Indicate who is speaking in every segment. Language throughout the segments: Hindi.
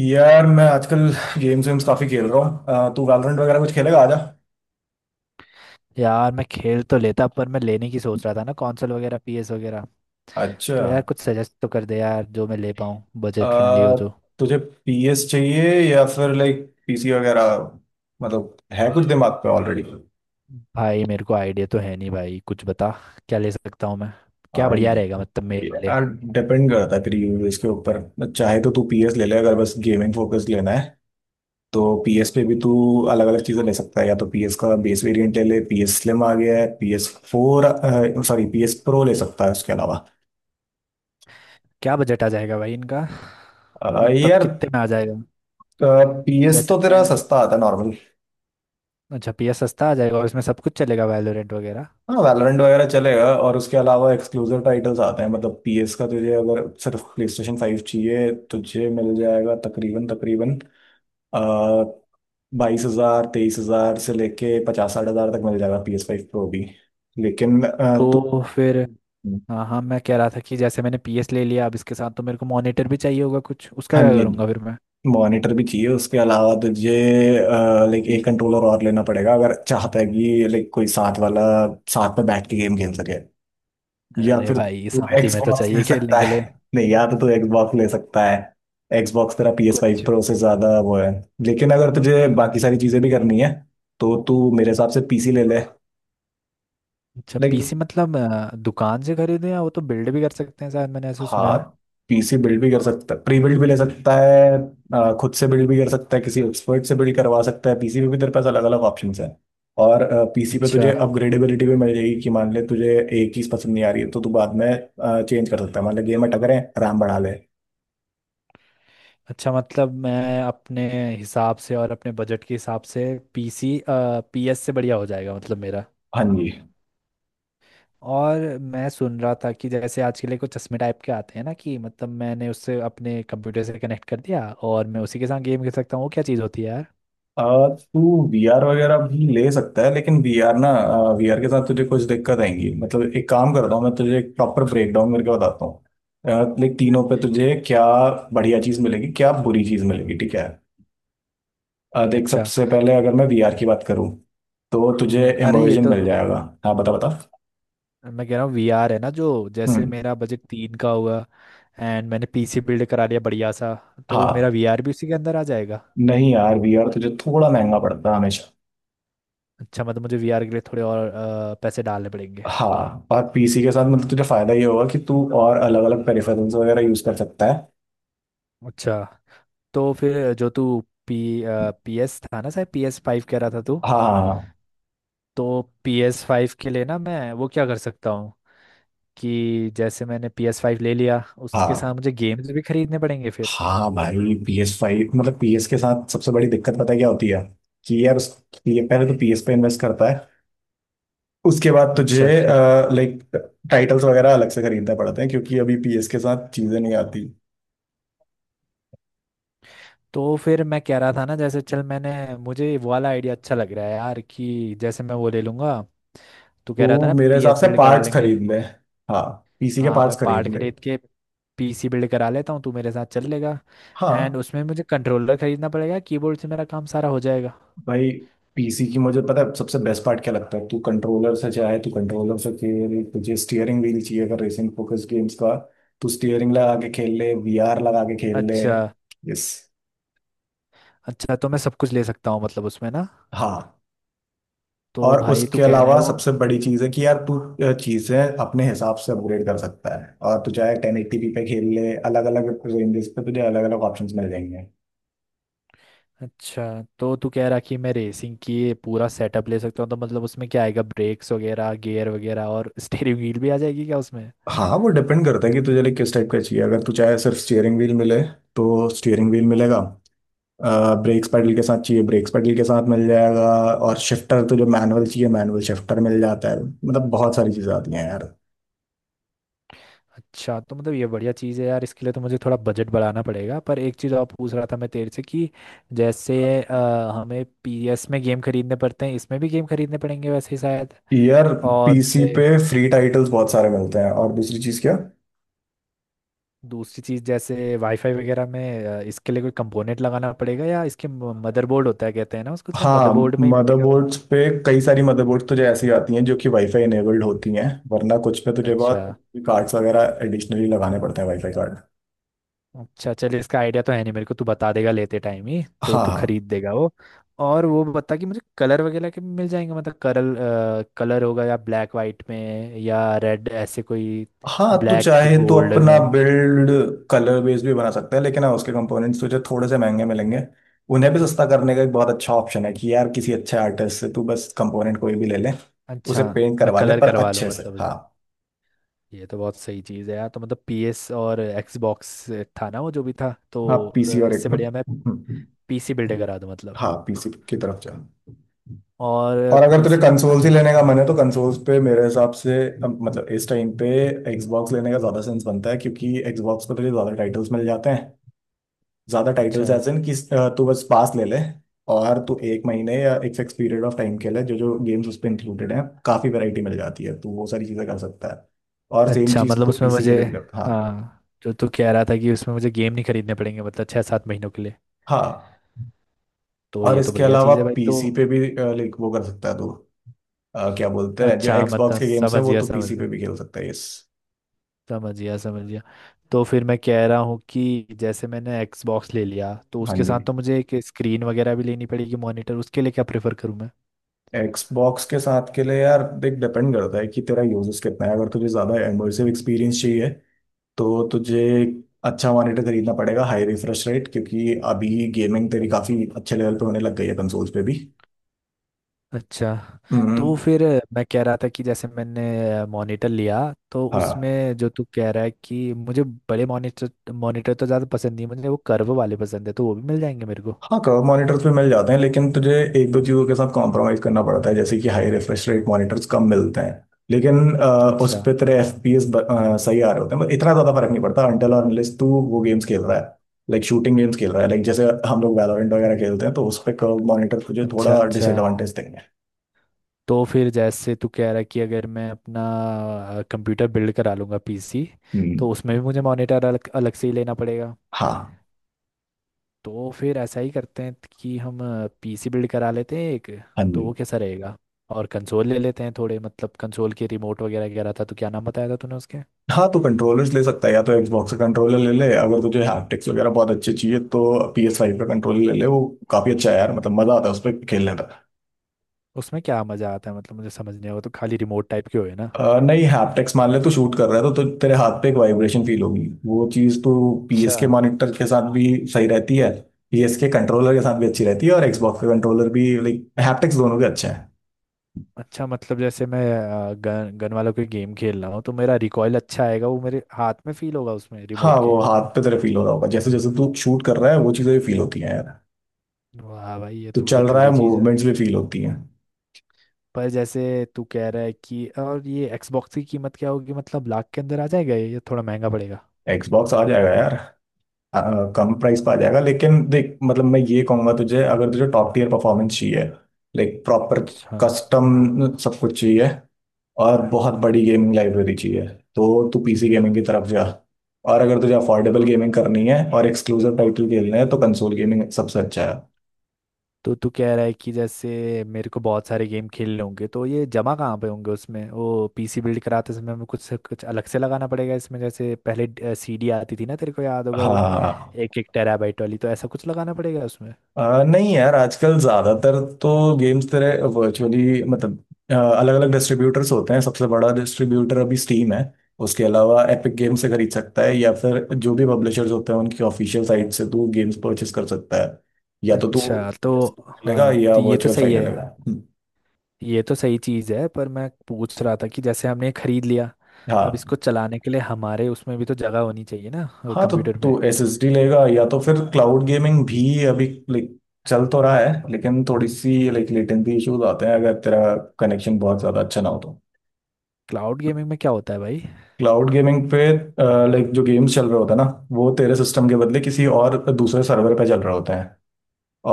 Speaker 1: यार, मैं आजकल गेम्स वेम्स काफी खेल रहा हूँ। तू वैलोरेंट वगैरह कुछ खेलेगा? आजा।
Speaker 2: यार मैं खेल तो लेता पर मैं लेने की सोच रहा था ना, कंसोल वगैरह, पीएस वगैरह।
Speaker 1: अच्छा।
Speaker 2: तो यार कुछ सजेस्ट तो कर दे यार, जो मैं ले पाऊँ,
Speaker 1: अ,
Speaker 2: बजट फ्रेंडली हो जो।
Speaker 1: तुझे पीएस चाहिए या फिर लाइक पीसी वगैरह? मतलब है कुछ दिमाग पे ऑलरेडी?
Speaker 2: भाई मेरे को आइडिया तो है नहीं भाई, कुछ बता। क्या ले सकता हूँ मैं? क्या
Speaker 1: हाँ।
Speaker 2: बढ़िया रहेगा मतलब मेरे लिए?
Speaker 1: यार, डिपेंड करता है तेरी यूज के ऊपर। चाहे तो तू पीएस ले ले, अगर बस गेमिंग फोकस लेना है। तो पीएस पे भी तू अलग अलग चीजें ले सकता है। या तो पीएस का बेस वेरिएंट ले ले, पीएस स्लिम आ गया है, PS four sorry PS pro ले सकता है उसके अलावा।
Speaker 2: क्या बजट आ जाएगा भाई इनका? मतलब
Speaker 1: यार,
Speaker 2: कितने में आ जाएगा?
Speaker 1: पीएस
Speaker 2: जैसे
Speaker 1: तो तेरा
Speaker 2: मैं
Speaker 1: सस्ता आता है नॉर्मल।
Speaker 2: अच्छा, पीएस सस्ता आ जाएगा और इसमें सब कुछ चलेगा, वैलोरेंट वगैरह?
Speaker 1: हाँ, वैलोरेंट वगैरह चलेगा और उसके अलावा एक्सक्लूसिव टाइटल्स आते हैं मतलब पीएस का। तुझे अगर सिर्फ प्ले स्टेशन फाइव चाहिए, तुझे मिल जाएगा तकरीबन तकरीबन uh, 22,000 23,000 से लेके पचास साठ हजार तक मिल जाएगा, पीएस फाइव प्रो भी। लेकिन तो।
Speaker 2: तो फिर हाँ हाँ, मैं कह रहा था कि जैसे मैंने पीएस ले लिया अब इसके साथ तो मेरे को मॉनिटर भी चाहिए होगा कुछ, उसका
Speaker 1: हाँ
Speaker 2: क्या
Speaker 1: जी,
Speaker 2: करूँगा फिर मैं?
Speaker 1: मॉनिटर भी चाहिए उसके अलावा तुझे। लाइक एक कंट्रोलर और लेना पड़ेगा, अगर चाहता है कि लाइक कोई साथ वाला साथ में बैठ के गेम खेल सके। या
Speaker 2: अरे
Speaker 1: फिर
Speaker 2: भाई
Speaker 1: तू
Speaker 2: साथ ही में तो
Speaker 1: एक्सबॉक्स ले
Speaker 2: चाहिए खेलने
Speaker 1: सकता
Speaker 2: के
Speaker 1: है,
Speaker 2: लिए।
Speaker 1: नहीं या तो तू एक्सबॉक्स ले सकता है। एक्सबॉक्स तेरा पी एस फाइव
Speaker 2: कुछ
Speaker 1: प्रो
Speaker 2: भी।
Speaker 1: से ज्यादा वो है, लेकिन अगर तुझे बाकी सारी चीजें भी करनी है तो तू मेरे हिसाब से पीसी ले ले।
Speaker 2: अच्छा, पीसी
Speaker 1: लाइक
Speaker 2: मतलब दुकान से खरीदे, या वो तो बिल्ड भी कर सकते हैं शायद, मैंने ऐसे सुना
Speaker 1: हाँ,
Speaker 2: है।
Speaker 1: पीसी बिल्ड भी कर सकता है, प्री बिल्ड भी ले सकता है। खुद से बिल्ड भी कर सकता है, किसी एक्सपर्ट से बिल्ड करवा सकता है। पीसी में भी तेरे पास अलग अलग ऑप्शन है। और पीसी पे
Speaker 2: अच्छा।
Speaker 1: तुझे अपग्रेडेबिलिटी भी मिल जाएगी कि मान ले तुझे एक चीज पसंद नहीं आ रही है तो तू बाद में चेंज कर सकता है, मान ले गेम में टकरे रैम बढ़ा ले।
Speaker 2: अच्छा मतलब मैं अपने हिसाब से और अपने बजट के हिसाब से पीसी पीएस से बढ़िया हो जाएगा मतलब मेरा?
Speaker 1: हाँ जी।
Speaker 2: और मैं सुन रहा था कि जैसे आज के लिए कुछ चश्मे टाइप के आते हैं ना, कि मतलब मैंने उससे अपने कंप्यूटर से कनेक्ट कर दिया और मैं उसी के साथ गेम खेल सकता हूँ, वो क्या चीज़ होती है यार?
Speaker 1: अ, तू वीआर वगैरह भी ले सकता है, लेकिन वीआर ना, वीआर के साथ तुझे कुछ दिक्कत आएंगी। मतलब एक काम करता हूँ, मैं तुझे एक प्रॉपर ब्रेकडाउन करके बताता हूँ। देख, तीनों पे तुझे क्या बढ़िया चीज़ मिलेगी, क्या बुरी चीज़ मिलेगी, ठीक है? देख,
Speaker 2: अच्छा।
Speaker 1: सबसे पहले अगर मैं वीआर की बात करूँ तो तुझे
Speaker 2: अरे ये
Speaker 1: इमर्जन
Speaker 2: तो,
Speaker 1: मिल जाएगा। हाँ, बता बता।
Speaker 2: मैं कह रहा हूँ वीआर है ना जो, जैसे
Speaker 1: हम्म,
Speaker 2: मेरा बजट तीन का हुआ, एंड मैंने पीसी बिल्ड करा लिया बढ़िया सा, तो मेरा
Speaker 1: हाँ।
Speaker 2: वीआर भी उसी के अंदर आ जाएगा?
Speaker 1: नहीं यार, वीआर तुझे थोड़ा महंगा पड़ता है हमेशा।
Speaker 2: अच्छा मतलब मुझे वीआर के लिए थोड़े और पैसे डालने पड़ेंगे?
Speaker 1: हाँ, और पीसी के साथ मतलब तुझे फायदा ये होगा कि तू और अलग अलग पेरिफेरल्स वगैरह यूज कर सकता है।
Speaker 2: अच्छा। तो फिर जो तू, पी पीएस था ना, शायद पीएस फाइव कह रहा था तू?
Speaker 1: हाँ हाँ,
Speaker 2: तो पीएस फाइव के लिए ना मैं वो क्या कर सकता हूँ, कि जैसे मैंने पीएस फाइव ले लिया उसके साथ
Speaker 1: हाँ।
Speaker 2: मुझे गेम्स भी खरीदने पड़ेंगे फिर?
Speaker 1: हाँ भाई, पी एस फाइव मतलब पी एस के साथ सबसे बड़ी दिक्कत पता है क्या होती है? कि यार, उस, ये पहले तो पी एस पे इन्वेस्ट करता है, उसके बाद तुझे
Speaker 2: अच्छा अच्छा।
Speaker 1: लाइक टाइटल्स वगैरह अलग से खरीदने पड़ते हैं क्योंकि अभी पी एस के साथ चीजें नहीं आती।
Speaker 2: तो फिर मैं कह रहा था ना, जैसे चल मैंने, मुझे वो वाला आइडिया अच्छा लग रहा है यार, कि जैसे मैं वो ले लूंगा, तू कह रहा था
Speaker 1: तो
Speaker 2: ना
Speaker 1: मेरे हिसाब
Speaker 2: पीएस
Speaker 1: से
Speaker 2: बिल्ड करा
Speaker 1: पार्ट्स
Speaker 2: लेंगे।
Speaker 1: खरीद ले। हाँ, पीसी के
Speaker 2: हाँ मैं
Speaker 1: पार्ट्स खरीद
Speaker 2: पार्ट
Speaker 1: ले।
Speaker 2: खरीद के पीसी बिल्ड करा लेता हूँ, तू मेरे साथ चल लेगा? एंड
Speaker 1: हाँ
Speaker 2: उसमें मुझे कंट्रोलर खरीदना पड़ेगा, कीबोर्ड से मेरा काम सारा हो जाएगा।
Speaker 1: भाई, पीसी की मुझे पता है सबसे बेस्ट पार्ट क्या लगता है? तू कंट्रोलर से, चाहे तू कंट्रोलर से खेल, तुझे स्टीयरिंग व्हील चाहिए अगर रेसिंग फोकस गेम्स का। तू स्टीयरिंग लगा के खेल ले, वीआर लगा के खेल ले।
Speaker 2: अच्छा
Speaker 1: यस।
Speaker 2: अच्छा, तो मैं सब कुछ ले सकता हूँ मतलब उसमें ना?
Speaker 1: हाँ,
Speaker 2: तो
Speaker 1: और
Speaker 2: भाई तू
Speaker 1: उसके
Speaker 2: कह रहा
Speaker 1: अलावा
Speaker 2: है
Speaker 1: सबसे
Speaker 2: वो।
Speaker 1: बड़ी चीज है कि यार तू चीजें अपने हिसाब से अपग्रेड कर सकता है, और तू चाहे टेन एटीपी पे खेल ले, अलग अलग रेंजेस पे तुझे अलग अलग ऑप्शंस मिल जाएंगे।
Speaker 2: अच्छा तो तू कह रहा कि मैं रेसिंग की ये पूरा सेटअप ले सकता हूँ, तो मतलब उसमें क्या आएगा, ब्रेक्स वगैरह, गियर वगैरह, और स्टीयरिंग व्हील भी आ जाएगी क्या उसमें?
Speaker 1: हाँ, वो डिपेंड करता है कि तुझे like किस टाइप का चाहिए। अगर तू चाहे सिर्फ स्टीयरिंग व्हील मिले तो स्टीयरिंग व्हील मिलेगा। ब्रेक्स पैडल के साथ चाहिए, ब्रेक्स पैडल के साथ मिल जाएगा। और शिफ्टर तुझे मैनुअल चाहिए, मैनुअल शिफ्टर मिल जाता है। मतलब बहुत सारी चीजें आती हैं यार।
Speaker 2: अच्छा तो मतलब ये बढ़िया चीज़ है यार, इसके लिए तो मुझे थोड़ा बजट बढ़ाना पड़ेगा। पर एक चीज़ और पूछ रहा था मैं तेरे से कि जैसे अ, हमें पीएस में गेम खरीदने पड़ते हैं, इसमें भी गेम खरीदने पड़ेंगे वैसे ही शायद?
Speaker 1: यार,
Speaker 2: और
Speaker 1: पीसी
Speaker 2: मुझे
Speaker 1: पे फ्री टाइटल्स बहुत सारे मिलते हैं। और दूसरी चीज क्या?
Speaker 2: दूसरी चीज़, जैसे वाईफाई वगैरह में इसके लिए कोई कंपोनेंट लगाना पड़ेगा या इसके मदरबोर्ड होता है कहते हैं ना उसको, शायद
Speaker 1: हाँ,
Speaker 2: मदरबोर्ड में ही मिलेगा वो?
Speaker 1: मदरबोर्ड्स पे, कई सारी मदरबोर्ड्स तुझे ऐसी आती हैं जो कि वाईफाई इनेबल्ड होती हैं। वरना कुछ पे तुझे
Speaker 2: अच्छा।
Speaker 1: बहुत कार्ड्स वगैरह एडिशनली लगाने पड़ते हैं, वाईफाई कार्ड।
Speaker 2: अच्छा चल, इसका आइडिया तो है नहीं मेरे को, तू बता देगा लेते टाइम ही, तो
Speaker 1: हाँ,
Speaker 2: तू
Speaker 1: हाँ,
Speaker 2: खरीद देगा वो। और वो बता कि मुझे कलर वगैरह के भी मिल जाएंगे मतलब, करल कलर होगा या ब्लैक वाइट में या रेड, ऐसे कोई?
Speaker 1: हाँ, तू
Speaker 2: ब्लैक
Speaker 1: चाहे तो
Speaker 2: गोल्ड
Speaker 1: अपना
Speaker 2: में?
Speaker 1: बिल्ड कलर बेस भी बना सकता है, लेकिन हाँ उसके कंपोनेंट्स तुझे थोड़े से महंगे मिलेंगे। उन्हें भी सस्ता करने का एक बहुत अच्छा ऑप्शन है कि यार किसी अच्छे आर्टिस्ट से तू बस कंपोनेंट कोई भी ले ले, उसे
Speaker 2: अच्छा
Speaker 1: पेंट
Speaker 2: मैं
Speaker 1: करवा ले,
Speaker 2: कलर
Speaker 1: पर
Speaker 2: करवा लूँ
Speaker 1: अच्छे से।
Speaker 2: मतलब
Speaker 1: हाँ।
Speaker 2: उसमें? ये तो बहुत सही चीज़ है यार, तो मतलब पीएस और एक्सबॉक्स था ना वो, जो भी था,
Speaker 1: हाँ,
Speaker 2: तो
Speaker 1: पीसी और एक
Speaker 2: इससे बढ़िया मैं पीसी बिल्ड करा दूँ मतलब।
Speaker 1: हाँ, पीसी की तरफ जा।
Speaker 2: और
Speaker 1: और अगर तुझे
Speaker 2: पीसी में मतलब
Speaker 1: कंसोल्स ही
Speaker 2: मो-
Speaker 1: लेने का मन है तो कंसोल्स पे मेरे हिसाब से मतलब इस टाइम पे एक्सबॉक्स लेने का ज्यादा सेंस बनता है, क्योंकि एक्सबॉक्स पे तुझे ज्यादा टाइटल्स मिल जाते हैं। ज्यादा
Speaker 2: अच्छा
Speaker 1: टाइटल्स ऐसे हैं कि तू बस पास ले ले, और तू एक महीने या एक फिक्स पीरियड ऑफ टाइम के लिए जो जो गेम्स उस पर इंक्लूडेड हैं, काफी वैरायटी मिल जाती है, तू वो सारी चीजें कर सकता है। और सेम
Speaker 2: अच्छा
Speaker 1: चीज
Speaker 2: मतलब
Speaker 1: तो
Speaker 2: उसमें
Speaker 1: पीसी के
Speaker 2: मुझे,
Speaker 1: लिए भी कर, हाँ।
Speaker 2: हाँ जो तू कह रहा था कि उसमें मुझे गेम नहीं खरीदने पड़ेंगे मतलब छः सात महीनों के लिए?
Speaker 1: हाँ,
Speaker 2: तो
Speaker 1: और
Speaker 2: ये तो
Speaker 1: इसके
Speaker 2: बढ़िया
Speaker 1: अलावा
Speaker 2: चीज़ है भाई तो।
Speaker 1: पीसी पे भी लाइक वो कर सकता है तू। क्या बोलते हैं, जो
Speaker 2: अच्छा मतलब
Speaker 1: एक्सबॉक्स के गेम्स हैं
Speaker 2: समझ
Speaker 1: वो
Speaker 2: गया
Speaker 1: तू
Speaker 2: समझ
Speaker 1: पीसी
Speaker 2: गया,
Speaker 1: पे भी खेल सकता है। यस।
Speaker 2: समझ गया समझ गया। तो फिर मैं कह रहा हूँ कि जैसे मैंने एक्सबॉक्स ले लिया तो
Speaker 1: हाँ
Speaker 2: उसके
Speaker 1: जी।
Speaker 2: साथ तो मुझे एक स्क्रीन वगैरह भी लेनी पड़ेगी, मॉनिटर, उसके लिए क्या प्रेफर करूँ?
Speaker 1: एक्सबॉक्स के साथ के लिए यार, देख, डिपेंड करता है कि तेरा यूजेस कितना है। अगर तुझे ज़्यादा इमर्सिव एक्सपीरियंस चाहिए तो तुझे अच्छा मॉनिटर खरीदना पड़ेगा, हाई रिफ्रेश रेट, क्योंकि अभी गेमिंग तेरी काफ़ी अच्छे लेवल पे होने लग गई है कंसोल्स पे भी।
Speaker 2: अच्छा। तो
Speaker 1: हम्म,
Speaker 2: फिर मैं कह रहा था कि जैसे मैंने मॉनिटर लिया तो
Speaker 1: हाँ।
Speaker 2: उसमें जो तू कह रहा है कि मुझे बड़े मॉनिटर मॉनिटर तो ज़्यादा पसंद नहीं, मुझे वो कर्व वाले पसंद है, तो वो भी मिल जाएंगे मेरे को?
Speaker 1: हाँ, कर्व मॉनिटर्स भी मिल जाते हैं लेकिन तुझे एक दो चीज़ों के साथ कॉम्प्रोमाइज़ करना पड़ता है, जैसे कि हाई रिफ्रेश रेट मॉनिटर्स कम मिलते हैं। लेकिन उस
Speaker 2: अच्छा
Speaker 1: पे तेरे एफ पी एस सही आ रहे होते हैं, मतलब इतना ज़्यादा फर्क नहीं पड़ता अनटिल और अनलेस तू वो गेम्स खेल रहा है, लाइक शूटिंग गेम्स खेल रहा है, लाइक जैसे हम लोग वैलोरेंट वगैरह खेलते हैं। तो उस पे कर्व मॉनिटर तुझे
Speaker 2: अच्छा।
Speaker 1: थोड़ा
Speaker 2: अच्छा
Speaker 1: डिसएडवांटेज देंगे।
Speaker 2: तो फिर जैसे तू कह रहा है कि अगर मैं अपना कंप्यूटर बिल्ड करा लूँगा पीसी,
Speaker 1: हम्म,
Speaker 2: तो उसमें भी मुझे मॉनिटर अलग अलग से ही लेना पड़ेगा?
Speaker 1: हाँ।
Speaker 2: तो फिर ऐसा ही करते हैं कि हम पीसी बिल्ड करा लेते हैं एक,
Speaker 1: हाँ
Speaker 2: तो
Speaker 1: जी।
Speaker 2: वो कैसा रहेगा? और कंसोल ले लेते हैं थोड़े, मतलब कंसोल के रिमोट वगैरह कह रहा था तो, क्या नाम बताया था तूने उसके?
Speaker 1: हाँ, तो कंट्रोलर्स ले सकता है, या तो Xbox का कंट्रोलर ले ले। अगर तुझे हैप्टिक्स वगैरह बहुत अच्छे चाहिए तो PS5 का कंट्रोलर ले ले, वो काफ़ी अच्छा है यार, मतलब मज़ा आता है उस पर खेलने में।
Speaker 2: उसमें क्या मज़ा आता है मतलब? मुझे समझ नहीं आया, वो तो खाली रिमोट टाइप के हुए ना?
Speaker 1: नहीं, हैप्टिक्स, मान ले तो शूट कर रहा है, तो तेरे हाथ पे एक वाइब्रेशन फील होगी। वो चीज तो
Speaker 2: अच्छा।
Speaker 1: पीएस के मॉनिटर के साथ भी सही रहती है। पीएस के कंट्रोलर के साथ भी अच्छी रहती है, और Xbox के कंट्रोलर भी लाइक हैप्टिक्स दोनों के अच्छे हैं।
Speaker 2: अच्छा मतलब जैसे मैं गन गन वाला कोई गेम खेल रहा हूँ तो मेरा रिकॉयल अच्छा आएगा, वो मेरे हाथ में फील होगा उसमें
Speaker 1: हाँ,
Speaker 2: रिमोट के?
Speaker 1: वो हाथ पे तेरे फील हो रहा होगा, जैसे जैसे तू शूट कर रहा है वो चीजें भी फील होती हैं यार।
Speaker 2: वाह भाई ये
Speaker 1: तो
Speaker 2: तो बड़ी
Speaker 1: चल रहा है,
Speaker 2: तगड़ी चीज़ है।
Speaker 1: मूवमेंट्स भी फील होती हैं।
Speaker 2: पर जैसे तू कह रहा है कि, और ये एक्सबॉक्स की कीमत क्या होगी मतलब, लाख के अंदर आ जाएगा ये या थोड़ा महंगा पड़ेगा?
Speaker 1: Xbox आ जाएगा यार। हाँ, कम प्राइस पर आ जाएगा, लेकिन देख, मतलब मैं ये कहूंगा तुझे, अगर तुझे टॉप टीयर परफॉर्मेंस चाहिए, लाइक प्रॉपर
Speaker 2: अच्छा।
Speaker 1: कस्टम सब कुछ चाहिए, और बहुत बड़ी गेमिंग लाइब्रेरी चाहिए, तो तू पीसी गेमिंग की तरफ जा। और अगर तुझे अफोर्डेबल
Speaker 2: तो
Speaker 1: गेमिंग करनी है और एक्सक्लूसिव टाइटल खेलने हैं, तो कंसोल गेमिंग सबसे अच्छा है।
Speaker 2: तो तू कह रहा है कि जैसे मेरे को बहुत सारे गेम खेलने होंगे तो ये जमा कहाँ पे होंगे उसमें, वो पीसी बिल्ड कराते समय हमें कुछ कुछ अलग से लगाना पड़ेगा इसमें, जैसे पहले सीडी आती थी ना तेरे को याद होगा वो,
Speaker 1: हाँ।
Speaker 2: एक एक टेराबाइट वाली, तो ऐसा कुछ लगाना पड़ेगा उसमें?
Speaker 1: नहीं यार, आजकल ज्यादातर तो गेम्स तेरे वर्चुअली, मतलब अलग अलग डिस्ट्रीब्यूटर्स होते हैं। सबसे बड़ा डिस्ट्रीब्यूटर अभी स्टीम है, उसके अलावा एपिक गेम से खरीद सकता है या फिर जो भी पब्लिशर्स होते हैं उनकी ऑफिशियल साइट से तू गेम्स परचेस कर सकता है। या तो तू
Speaker 2: अच्छा तो
Speaker 1: लेगा
Speaker 2: हाँ,
Speaker 1: या
Speaker 2: तो ये तो
Speaker 1: वर्चुअल
Speaker 2: सही
Speaker 1: फाइल
Speaker 2: है।
Speaker 1: लेगा। हम्म,
Speaker 2: ये तो सही चीज़ है पर मैं पूछ रहा था कि जैसे हमने खरीद लिया, अब
Speaker 1: हाँ।
Speaker 2: इसको चलाने के लिए हमारे उसमें भी तो जगह होनी चाहिए ना
Speaker 1: हाँ, तो
Speaker 2: कंप्यूटर पे?
Speaker 1: तू एसएसडी लेगा या तो फिर क्लाउड गेमिंग भी अभी लाइक चल तो रहा है, लेकिन थोड़ी सी लाइक लेटेंसी इश्यूज आते हैं अगर तेरा कनेक्शन बहुत ज्यादा अच्छा ना हो तो।
Speaker 2: क्लाउड गेमिंग में क्या होता है भाई?
Speaker 1: क्लाउड गेमिंग पे, लाइक जो गेम्स चल रहे होते हैं ना, वो तेरे सिस्टम के बदले किसी और दूसरे सर्वर पे चल रहे होते हैं,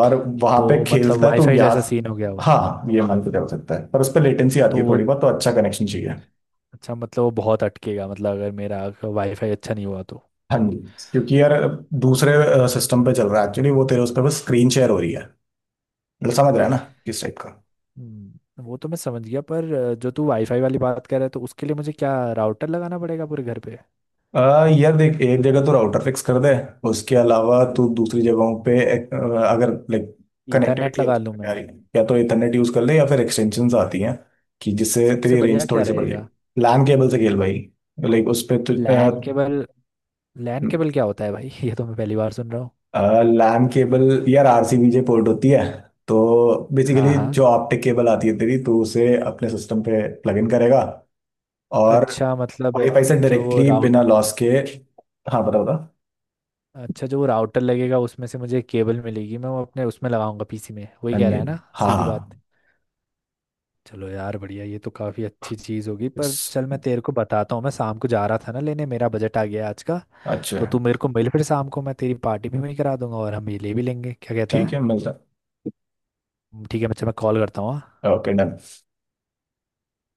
Speaker 1: और वहां पे
Speaker 2: तो मतलब
Speaker 1: खेलता है तो
Speaker 2: वाईफाई जैसा
Speaker 1: यहाँ।
Speaker 2: सीन हो गया वो?
Speaker 1: हाँ, ये मान के चल सकता है पर उस पर लेटेंसी
Speaker 2: तो
Speaker 1: आती है
Speaker 2: वो
Speaker 1: थोड़ी बहुत, तो अच्छा कनेक्शन चाहिए।
Speaker 2: अच्छा मतलब वो बहुत अटकेगा मतलब, अगर मेरा वाईफाई अच्छा नहीं हुआ तो?
Speaker 1: हाँ जी, क्योंकि यार दूसरे सिस्टम पे चल रहा है एक्चुअली, वो तेरे उस पर बस स्क्रीन शेयर हो रही है। मतलब समझ रहा है ना किस टाइप का?
Speaker 2: वो तो मैं समझ गया पर जो तू वाईफाई वाली बात कर रहा है, तो उसके लिए मुझे क्या राउटर लगाना पड़ेगा पूरे घर पे?
Speaker 1: यार देख, एक जगह तो राउटर फिक्स कर दे। उसके अलावा तू दूसरी जगहों पे अगर लाइक
Speaker 2: ईथरनेट
Speaker 1: कनेक्टिविटी
Speaker 2: लगा
Speaker 1: अच्छी
Speaker 2: लूँ
Speaker 1: नहीं आ
Speaker 2: मैं?
Speaker 1: रही है, या तो इथरनेट यूज कर ले या फिर एक्सटेंशंस आती हैं कि जिससे
Speaker 2: सबसे
Speaker 1: तेरी
Speaker 2: बढ़िया
Speaker 1: रेंज
Speaker 2: क्या
Speaker 1: थोड़ी सी बढ़
Speaker 2: रहेगा?
Speaker 1: जाएगी। लैन केबल से खेल भाई। लाइक, उस पे तो।
Speaker 2: LAN cable. लैन केबल क्या होता है भाई ये तो मैं पहली बार सुन रहा हूँ।
Speaker 1: लैन केबल यार, आरसीबी पोर्ट होती है। तो बेसिकली
Speaker 2: हाँ
Speaker 1: जो
Speaker 2: हाँ।
Speaker 1: ऑप्टिक केबल आती है तेरी, तो उसे अपने सिस्टम पे प्लग इन करेगा, और
Speaker 2: अच्छा मतलब
Speaker 1: वाईफाई से
Speaker 2: जो वो
Speaker 1: डायरेक्टली बिना
Speaker 2: राउट
Speaker 1: लॉस के। हाँ, बता बता।
Speaker 2: अच्छा, जो वो राउटर लगेगा उसमें से मुझे केबल मिलेगी, मैं वो अपने उसमें लगाऊंगा पीसी में, वही
Speaker 1: हाँ
Speaker 2: कह
Speaker 1: जी,
Speaker 2: रहा
Speaker 1: हाँ
Speaker 2: है ना
Speaker 1: जी, हाँ,
Speaker 2: सीधी बात?
Speaker 1: हाँ।
Speaker 2: चलो यार बढ़िया, ये तो काफ़ी अच्छी चीज़ होगी। पर चल
Speaker 1: अच्छा
Speaker 2: मैं तेरे को बताता हूँ, मैं शाम को जा रहा था ना लेने, मेरा बजट आ गया आज का, तो तू मेरे को मिल फिर शाम को, मैं तेरी पार्टी भी मैं करा दूंगा और हम ये ले भी लेंगे, क्या कहता
Speaker 1: ठीक
Speaker 2: है?
Speaker 1: है, मिलता
Speaker 2: ठीक है, मैं चल मैं कॉल करता हूँ हाँ?
Speaker 1: है, ओके डन।